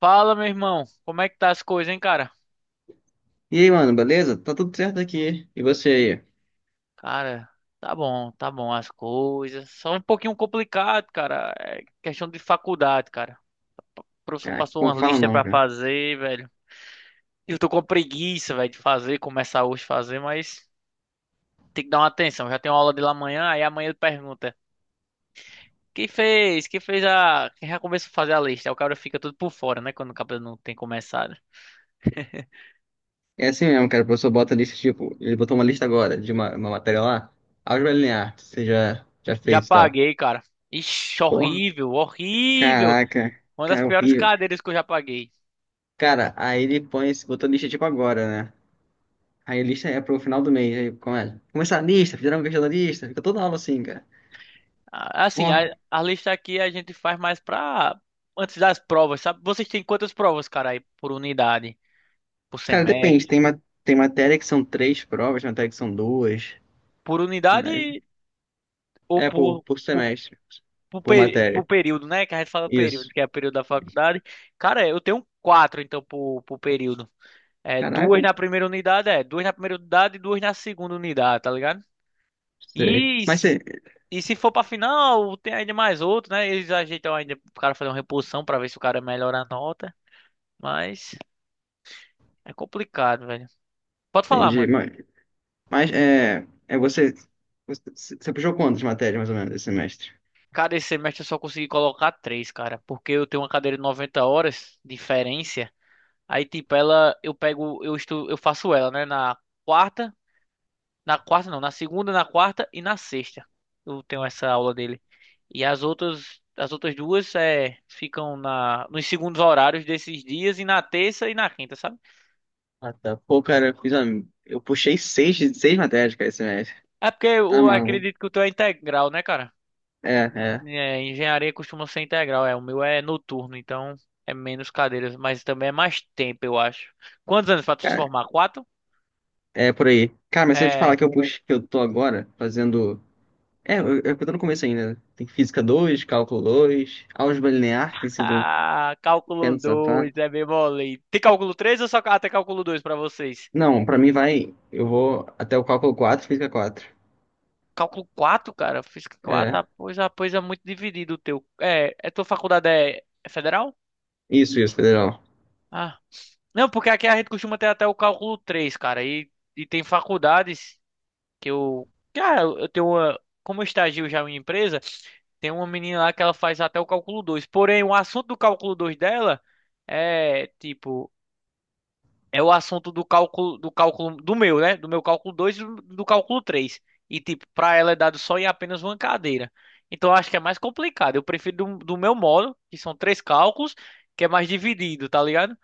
Fala, meu irmão. Como é que tá as coisas, hein, cara? E aí, mano, beleza? Tá tudo certo aqui. E você aí? Cara, tá bom as coisas. Só um pouquinho complicado, cara. É questão de faculdade, cara. O professor Ah, passou não uma fala lista não, pra cara. fazer, velho. Eu tô com preguiça, velho, de fazer, começar hoje a fazer, mas tem que dar uma atenção. Já tem uma aula de lá amanhã, aí amanhã ele pergunta: Quem fez? Quem fez a. Quem já começou a fazer a lista? Aí o cara fica tudo por fora, né? Quando o cabelo não tem começado. É assim mesmo, cara. O professor bota lista, tipo, ele botou uma lista agora de uma matéria lá. Álgebra linear, que você já Já fez e tal. paguei, cara. Ixi, Porra, horrível, horrível. caraca, Uma das cara, piores horrível. cadeiras que eu já paguei. Cara, aí ele põe, botou lista tipo agora, né? Aí a lista é pro final do mês. Aí começa. Começar a lista, fizeram uma questão da lista. Fica toda aula assim, cara. Assim, a, Porra, a lista aqui a gente faz mais pra antes das provas, sabe? Vocês têm quantas provas, cara, aí por unidade, por cara, depende. semestre, Tem matéria que são três provas, matéria que são duas. por Mas unidade ou é por, por por, semestre, por, por peri- por matéria. período, né? Que a gente fala período, Isso. que é o período da faculdade. Cara, eu tenho quatro, então, por período. Caraca, Duas na primeira unidade, duas na primeira unidade e duas na segunda unidade, tá ligado? sei. E, s- e se for pra final, tem ainda mais outro, né? Eles ajeitam ainda pro cara fazer uma reposição pra ver se o cara melhora a nota, mas. É complicado, velho. Pode falar, Entendi. mano. Mas é você puxou quantas matérias mais ou menos esse semestre? Cara, esse semestre eu só consegui colocar três, cara. Porque eu tenho uma cadeira de 90 horas, de diferença. Aí, tipo, ela, eu pego, eu estu, eu faço ela, né? Quarta, na quarta não, na segunda, na quarta e na sexta. Eu tenho essa aula dele. E as outras, duas ficam na, nos segundos horários desses dias e na terça e na quinta, sabe? Ah, tá. Pô, cara, eu puxei seis matérias, cara, esse semestre. É porque Tá eu maluco. acredito que o teu é integral, né, cara? É, é. É, engenharia costuma ser integral, é. O meu é noturno, então é menos cadeiras, mas também é mais tempo, eu acho. Quantos anos para tu se Cara, formar? Quatro? é por aí. Cara, mas se eu te falar É. que eu puxo, que eu tô agora fazendo. É, eu tô no começo ainda, né? Tem física dois, cálculo dois, álgebra linear, tem sido um Ah, cálculo pêndulo safado. 2, é bem mole. Tem cálculo 3? Ou só até cálculo 2 para vocês? Não, pra mim vai. Eu vou até o cálculo quatro, física quatro. Cálculo 4, cara. Física quatro, É. Pois é muito dividido o teu. É tua faculdade é federal? Isso, federal. Ah. Não, porque aqui a gente costuma ter até o cálculo 3, cara. E tem faculdades. Que eu, cara, eu tenho uma, como eu estagio já em uma empresa, tem uma menina lá que ela faz até o cálculo dois. Porém, o assunto do cálculo 2 dela é tipo, é o assunto do cálculo do meu, né? Do meu cálculo 2 e do cálculo três. E tipo, para ela é dado só em apenas uma cadeira. Então eu acho que é mais complicado. Eu prefiro do meu modo, que são três cálculos, que é mais dividido, tá ligado?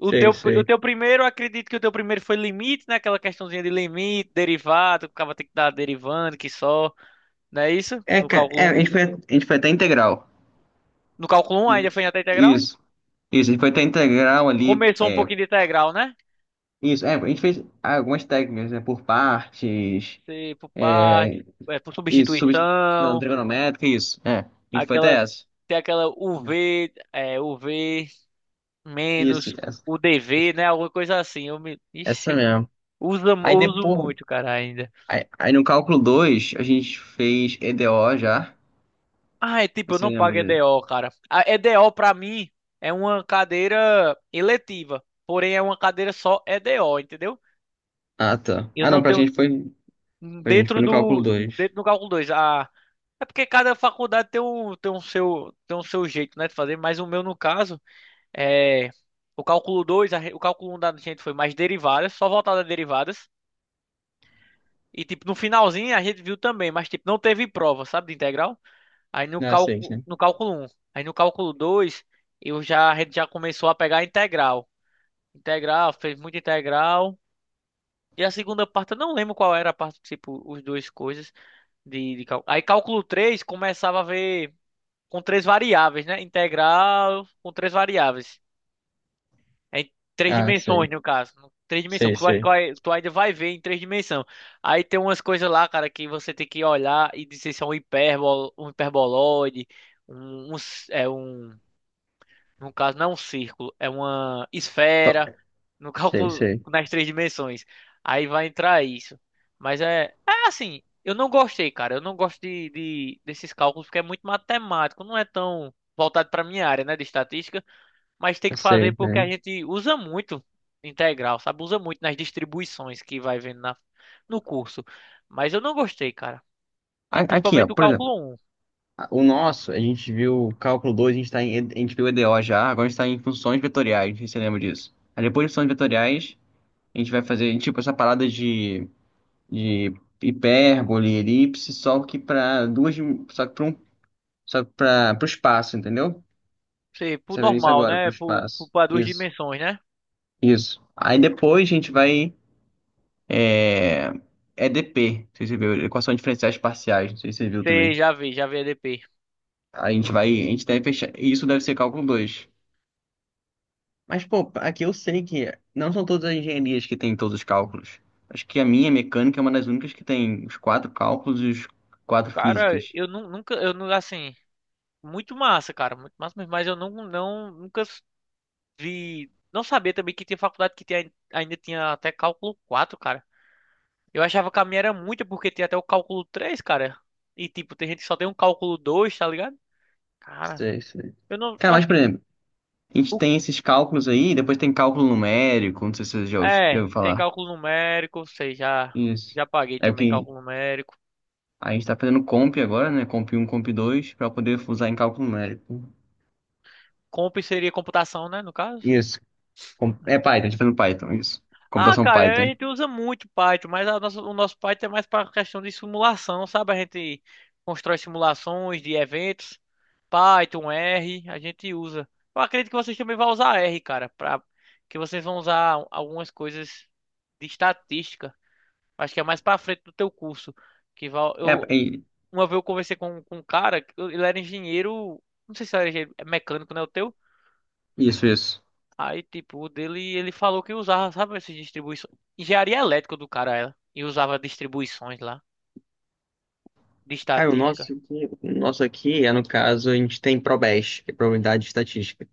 O Sei, teu, o sei. teu primeiro, eu acredito que o teu primeiro foi limite, né? Aquela questãozinha de limite, derivado, que o cara tem que dar derivando, que só, não é isso? É, No cara, é, a cálculo um. gente foi, a gente foi até integral. No cálculo um ainda foi Gente. até integral? Isso, isso, a gente foi até integral ali. Começou um É, pouquinho de integral, né? isso, é, a gente fez algumas técnicas, né, por partes, Se por parte, é, é, por isso, substituição substituição, trigonométrica, isso, é. A gente foi até aquela, essa. tem aquela U v U v Isso, menos essa, UDV, né? Alguma coisa assim. Essa Ixi, mesmo. Eu Aí uso depois, muito, cara, ainda. aí no cálculo 2 a gente fez EDO já. Ah, é tipo, eu Você não lembra pago disso? EDO, cara. A EDO pra mim é uma cadeira eletiva, porém é uma cadeira só EDO, entendeu? Ah, tá. Eu Ah, não não, pra tenho gente foi, pra gente dentro foi no cálculo do dois. dentro do cálculo 2. Ah, é porque cada faculdade tem um tem um seu jeito, né, de fazer, mas o meu no caso é o cálculo 2, o cálculo 1 da gente foi mais derivadas, só voltada a derivadas. E tipo, no finalzinho a gente viu também, mas tipo, não teve prova, sabe, de integral? Aí no Ah, sei, cálculo, sei. no cálculo um. Aí no cálculo 2 eu já, a gente já começou a pegar a integral. Integral, fez muita integral. E a segunda parte, eu não lembro qual era a parte, tipo, os dois coisas de cálculo. Aí cálculo 3 começava a ver com três variáveis, né? Integral com três variáveis. Em três Ah, dimensões, sei, no caso. Três dimensões, sei, que eu acho que sei. Tu ainda vai ver em três dimensões. Aí tem umas coisas lá, cara, que você tem que olhar e dizer se é um hipérbolo, um hiperboloide, um, um, s- é, um no caso, não é um círculo, é uma esfera, no Sei, cálculo sei. nas três dimensões. Aí vai entrar isso. Mas é assim, eu não gostei, cara. Eu não gosto desses cálculos porque é muito matemático, não é tão voltado para minha área, né, de estatística, mas tem Eu que fazer sei, porque a né? gente usa muito integral, sabe? Usa muito nas distribuições que vai vendo na, no curso. Mas eu não gostei, cara. E Aqui, ó, principalmente o por exemplo, cálculo um. O nosso, a gente viu o cálculo dois, a gente tá em, a gente viu EDO já, agora a gente tá em funções vetoriais, não sei se você lembra disso. Aí depois de funções vetoriais, a gente vai fazer, tipo, essa parada de hipérbole, elipse, só que para só que para um, só para pra, pro espaço, entendeu? Sei, por Você vê isso normal, agora, pro né? Por, por, espaço. pra duas Isso, dimensões, né? isso. Aí depois a gente vai, é, EDP, não sei se você viu, equação diferenciais parciais, não sei se você viu Você também. já vê EDP. A gente deve fechar. Isso deve ser cálculo dois. Mas, pô, aqui eu sei que não são todas as engenharias que têm todos os cálculos. Acho que a minha mecânica é uma das únicas que tem os quatro cálculos e os quatro Cara, físicas. eu nunca, eu não, assim, muito massa, cara, muito massa mesmo, mas eu nunca vi, não sabia também que tinha faculdade que tinha, ainda tinha até cálculo quatro, cara. Eu achava que a minha era muita porque tinha até o cálculo três, cara. E tipo, tem gente que só tem um cálculo dois, tá ligado? Cara, Sei, sei. eu não, eu Cara, acho mas, por que, exemplo, a gente o- tem esses cálculos aí, depois tem cálculo numérico, não sei se você já ouviu tem falar. cálculo numérico, sei, Isso. já paguei É também porque cálculo numérico. a gente tá fazendo comp agora, né? Comp um, comp dois, para poder usar em cálculo numérico. Comp seria computação, né, no caso? Isso. É Python, a gente tá fazendo Python, isso. Ah, Computação cara, a Python. gente usa muito Python, mas o nosso Python é mais para questão de simulação, sabe? A gente constrói simulações de eventos, Python, R, a gente usa. Eu acredito que vocês também vão usar R, cara, para que vocês vão usar algumas coisas de estatística. Acho que é mais para frente do teu curso, que vai, É. eu uma vez eu conversei com um cara, ele era engenheiro, não sei se era engenheiro mecânico, né, o teu? Isso, isso. Aí, tipo, o dele, ele falou que usava, sabe, essas distribuições. Engenharia elétrica do cara, ela. E usava distribuições lá, de Cara, o estatística. nosso aqui, o nosso aqui é, no caso, a gente tem ProBest, que é Probabilidade e Estatística.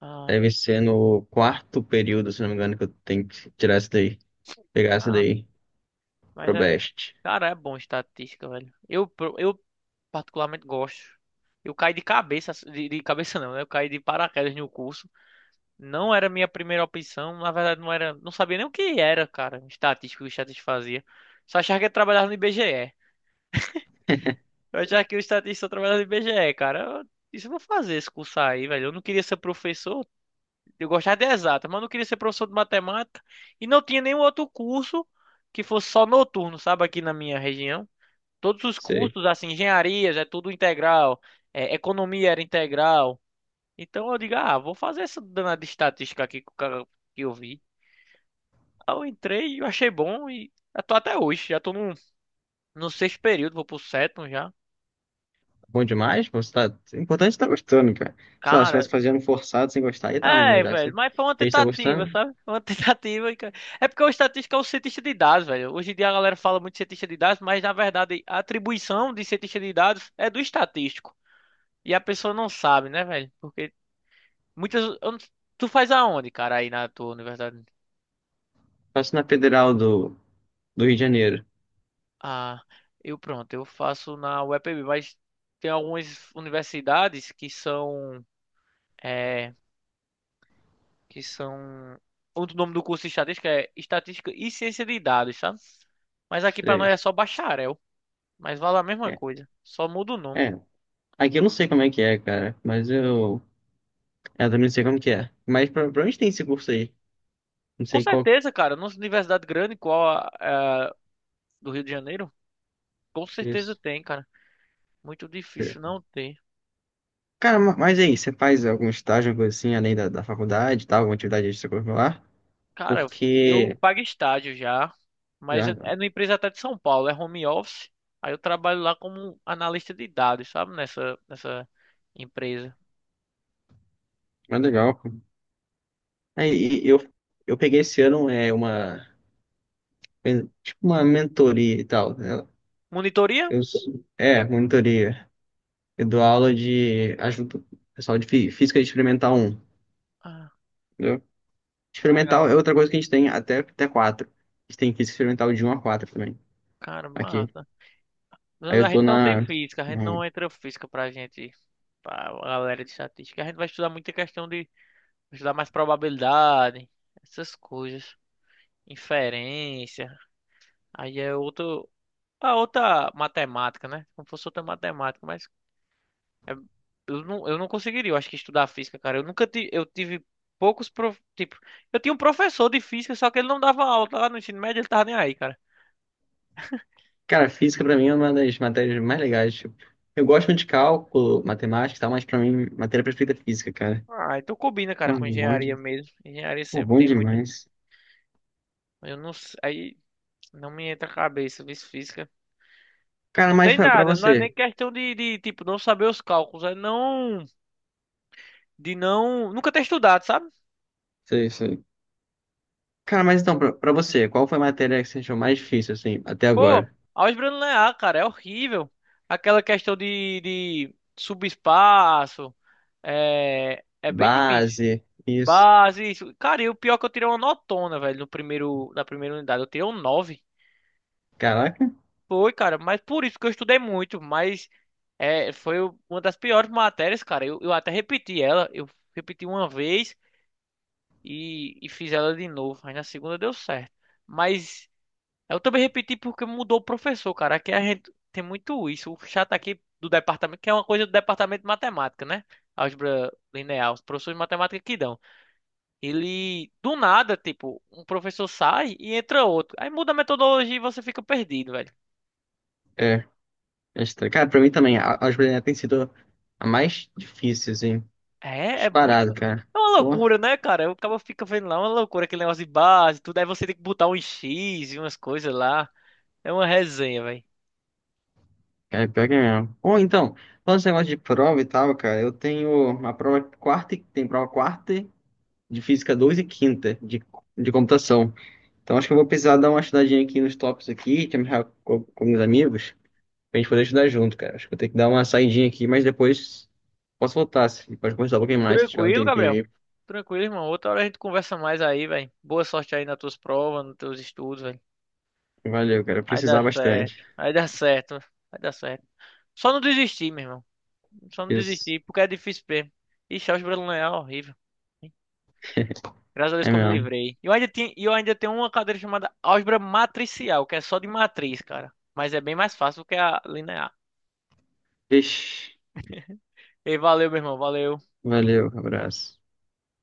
Ah, Deve ser no quarto período, se não me engano, que eu tenho que tirar essa daí, pegar essa ah, daí, mas é. ProBest. Cara, é bom estatística, velho. Eu particularmente gosto. Eu caí de cabeça, assim, de cabeça não, né? Eu caí de paraquedas no curso. Não era minha primeira opção, na verdade não era, não sabia nem o que era, cara, estatística, o que estatística fazia. Só achava que ia trabalhar no IBGE. Eu já que o estatista trabalha no IBGE, cara. Isso eu vou fazer esse curso aí, velho. Eu não queria ser professor. Eu gostava de exatas, mas eu não queria ser professor de matemática. E não tinha nenhum outro curso que fosse só noturno, sabe? Aqui na minha região. Todos os Sei. cursos, assim, engenharias, é tudo integral. Economia era integral. Então eu digo, ah, vou fazer essa danada de estatística aqui que eu vi. Aí eu entrei e eu achei bom e já tô até hoje. Já tô no, sexto período, vou pro sétimo já. Tá bom demais, você tá. O importante é estar gostando, cara. Se ela estivesse Cara, fazendo forçado sem gostar, ia tá ruim, é, mas já que velho, você mas foi uma fez, tá tentativa, gostando, sabe? Foi uma tentativa. É porque o estatístico é o cientista de dados, velho. Hoje em dia a galera fala muito de cientista de dados, mas na verdade a atribuição de cientista de dados é do estatístico. E a pessoa não sabe, né, velho? Porque muitas. Eu não- Tu faz aonde, cara, aí na tua universidade? faço na Federal do Rio de Janeiro. Ah, eu pronto, eu faço na UEPB, mas tem algumas universidades que são. que são. Outro nome do curso de estatística é Estatística e Ciência de Dados, sabe? Mas aqui pra É. nós é só bacharel. Mas vale a mesma É. coisa. Só muda o nome. É. Aqui eu não sei como é que é, cara, mas eu. Eu também não sei como que é. Mas pra onde tem esse curso aí? Não Com sei qual. certeza, cara. Numa universidade grande, igual a do Rio de Janeiro, com certeza Isso. tem, cara. Muito difícil não ter. Cara, mas e aí, você faz algum estágio, alguma coisa assim, além da faculdade e tal, alguma atividade extracurricular? Cara, eu Porque. pago estágio já. Mas Já, é, já. é numa empresa até de São Paulo. É home office. Aí eu trabalho lá como analista de dados, sabe? Nessa empresa. Mas legal, pô. Aí e eu peguei esse ano é, uma. É, tipo uma mentoria e tal, né? Monitoria? Monitoria. Eu dou aula de. Ajudo o pessoal de física experimental um. Ah, Entendeu? Experimental legal. é outra coisa que a gente tem até 4. A gente tem física experimental de um a 4 também. Cara, Aqui. massa. Aí Não, a eu tô gente não tem na. física, a gente não entra física pra gente, pra galera de estatística. A gente vai estudar muita questão de estudar mais probabilidade, essas coisas, inferência. Aí é outro, a outra matemática, né? Como fosse outra matemática, mas é- eu não conseguiria, eu acho que estudar física, cara. Eu nunca tive, eu tive poucos, tipo, eu tinha um professor de física, só que ele não dava aula lá no ensino médio, ele tava nem aí, cara. Cara, física pra mim é uma das matérias mais legais. Tipo, eu gosto muito de cálculo, matemática e tal, mas pra mim, matéria perfeita é física, cara. Ah, então combina, cara, com Mano, bom. engenharia mesmo. Engenharia Pô, sempre bom tem muita. demais. Eu não sei. Não me entra a cabeça, vice física. Cara, Não mas sei pra nada, não é você. nem questão tipo, não saber os cálculos, é não, de não, nunca ter estudado, sabe? Sei, sei. Cara, mas então, pra você, qual foi a matéria que você achou mais difícil, assim, até Pô, agora? álgebra linear, cara, é horrível. Aquela questão de subespaço, é bem difícil. Base, isso. Base, isso. Cara, e o pior é que eu tirei uma notona, velho, no primeiro, na primeira unidade, eu tirei um 9. Caraca, Foi, cara, mas por isso que eu estudei muito, mas uma das piores matérias, cara. Eu até repeti ela, eu repeti uma vez, e fiz ela de novo. Aí na segunda deu certo. Mas eu também repeti porque mudou o professor, cara. Aqui a gente tem muito isso. O chato aqui do departamento, que é uma coisa do departamento de matemática, né? Álgebra linear, os professores de matemática que dão. Ele, do nada, tipo, um professor sai e entra outro. Aí muda a metodologia e você fica perdido, velho. é. É estranho. Cara, pra mim também, a álgebra linear tem sido a mais difícil, assim. É muito. Disparado, cara. É uma Pô. loucura, né, cara? O cara fica vendo lá é uma loucura, aquele negócio de base, tudo. Aí você tem que botar um X e umas coisas lá. É uma resenha, velho. Cara, pior que é mesmo. Ou então, falando esse negócio de prova e tal, cara, eu tenho uma prova quarta, tem prova quarta de física 2 e quinta de computação. Então acho que eu vou precisar dar uma estudadinha aqui nos tópicos aqui, te amarrar com meus amigos, pra gente poder estudar junto, cara. Acho que eu tenho que dar uma saidinha aqui, mas depois posso voltar, se, pode conversar um pouquinho mais, se tiver um Tranquilo, tempinho Gabriel? aí. Tranquilo, irmão. Outra hora a gente conversa mais aí, velho. Boa sorte aí nas tuas provas, nos teus estudos, velho. Valeu, cara, eu Vai dar precisar bastante. certo. Vai dar certo. Vai dar certo. Só não desistir, meu irmão. Só não Isso, desistir, porque é difícil mesmo. Ixi, álgebra linear é horrível. Graças a Deus é que eu me mesmo. livrei. E eu ainda tinha, e eu ainda tenho uma cadeira chamada álgebra matricial, que é só de matriz, cara. Mas é bem mais fácil do que a linear. Ixi, E valeu, meu irmão. Valeu. valeu, abraço.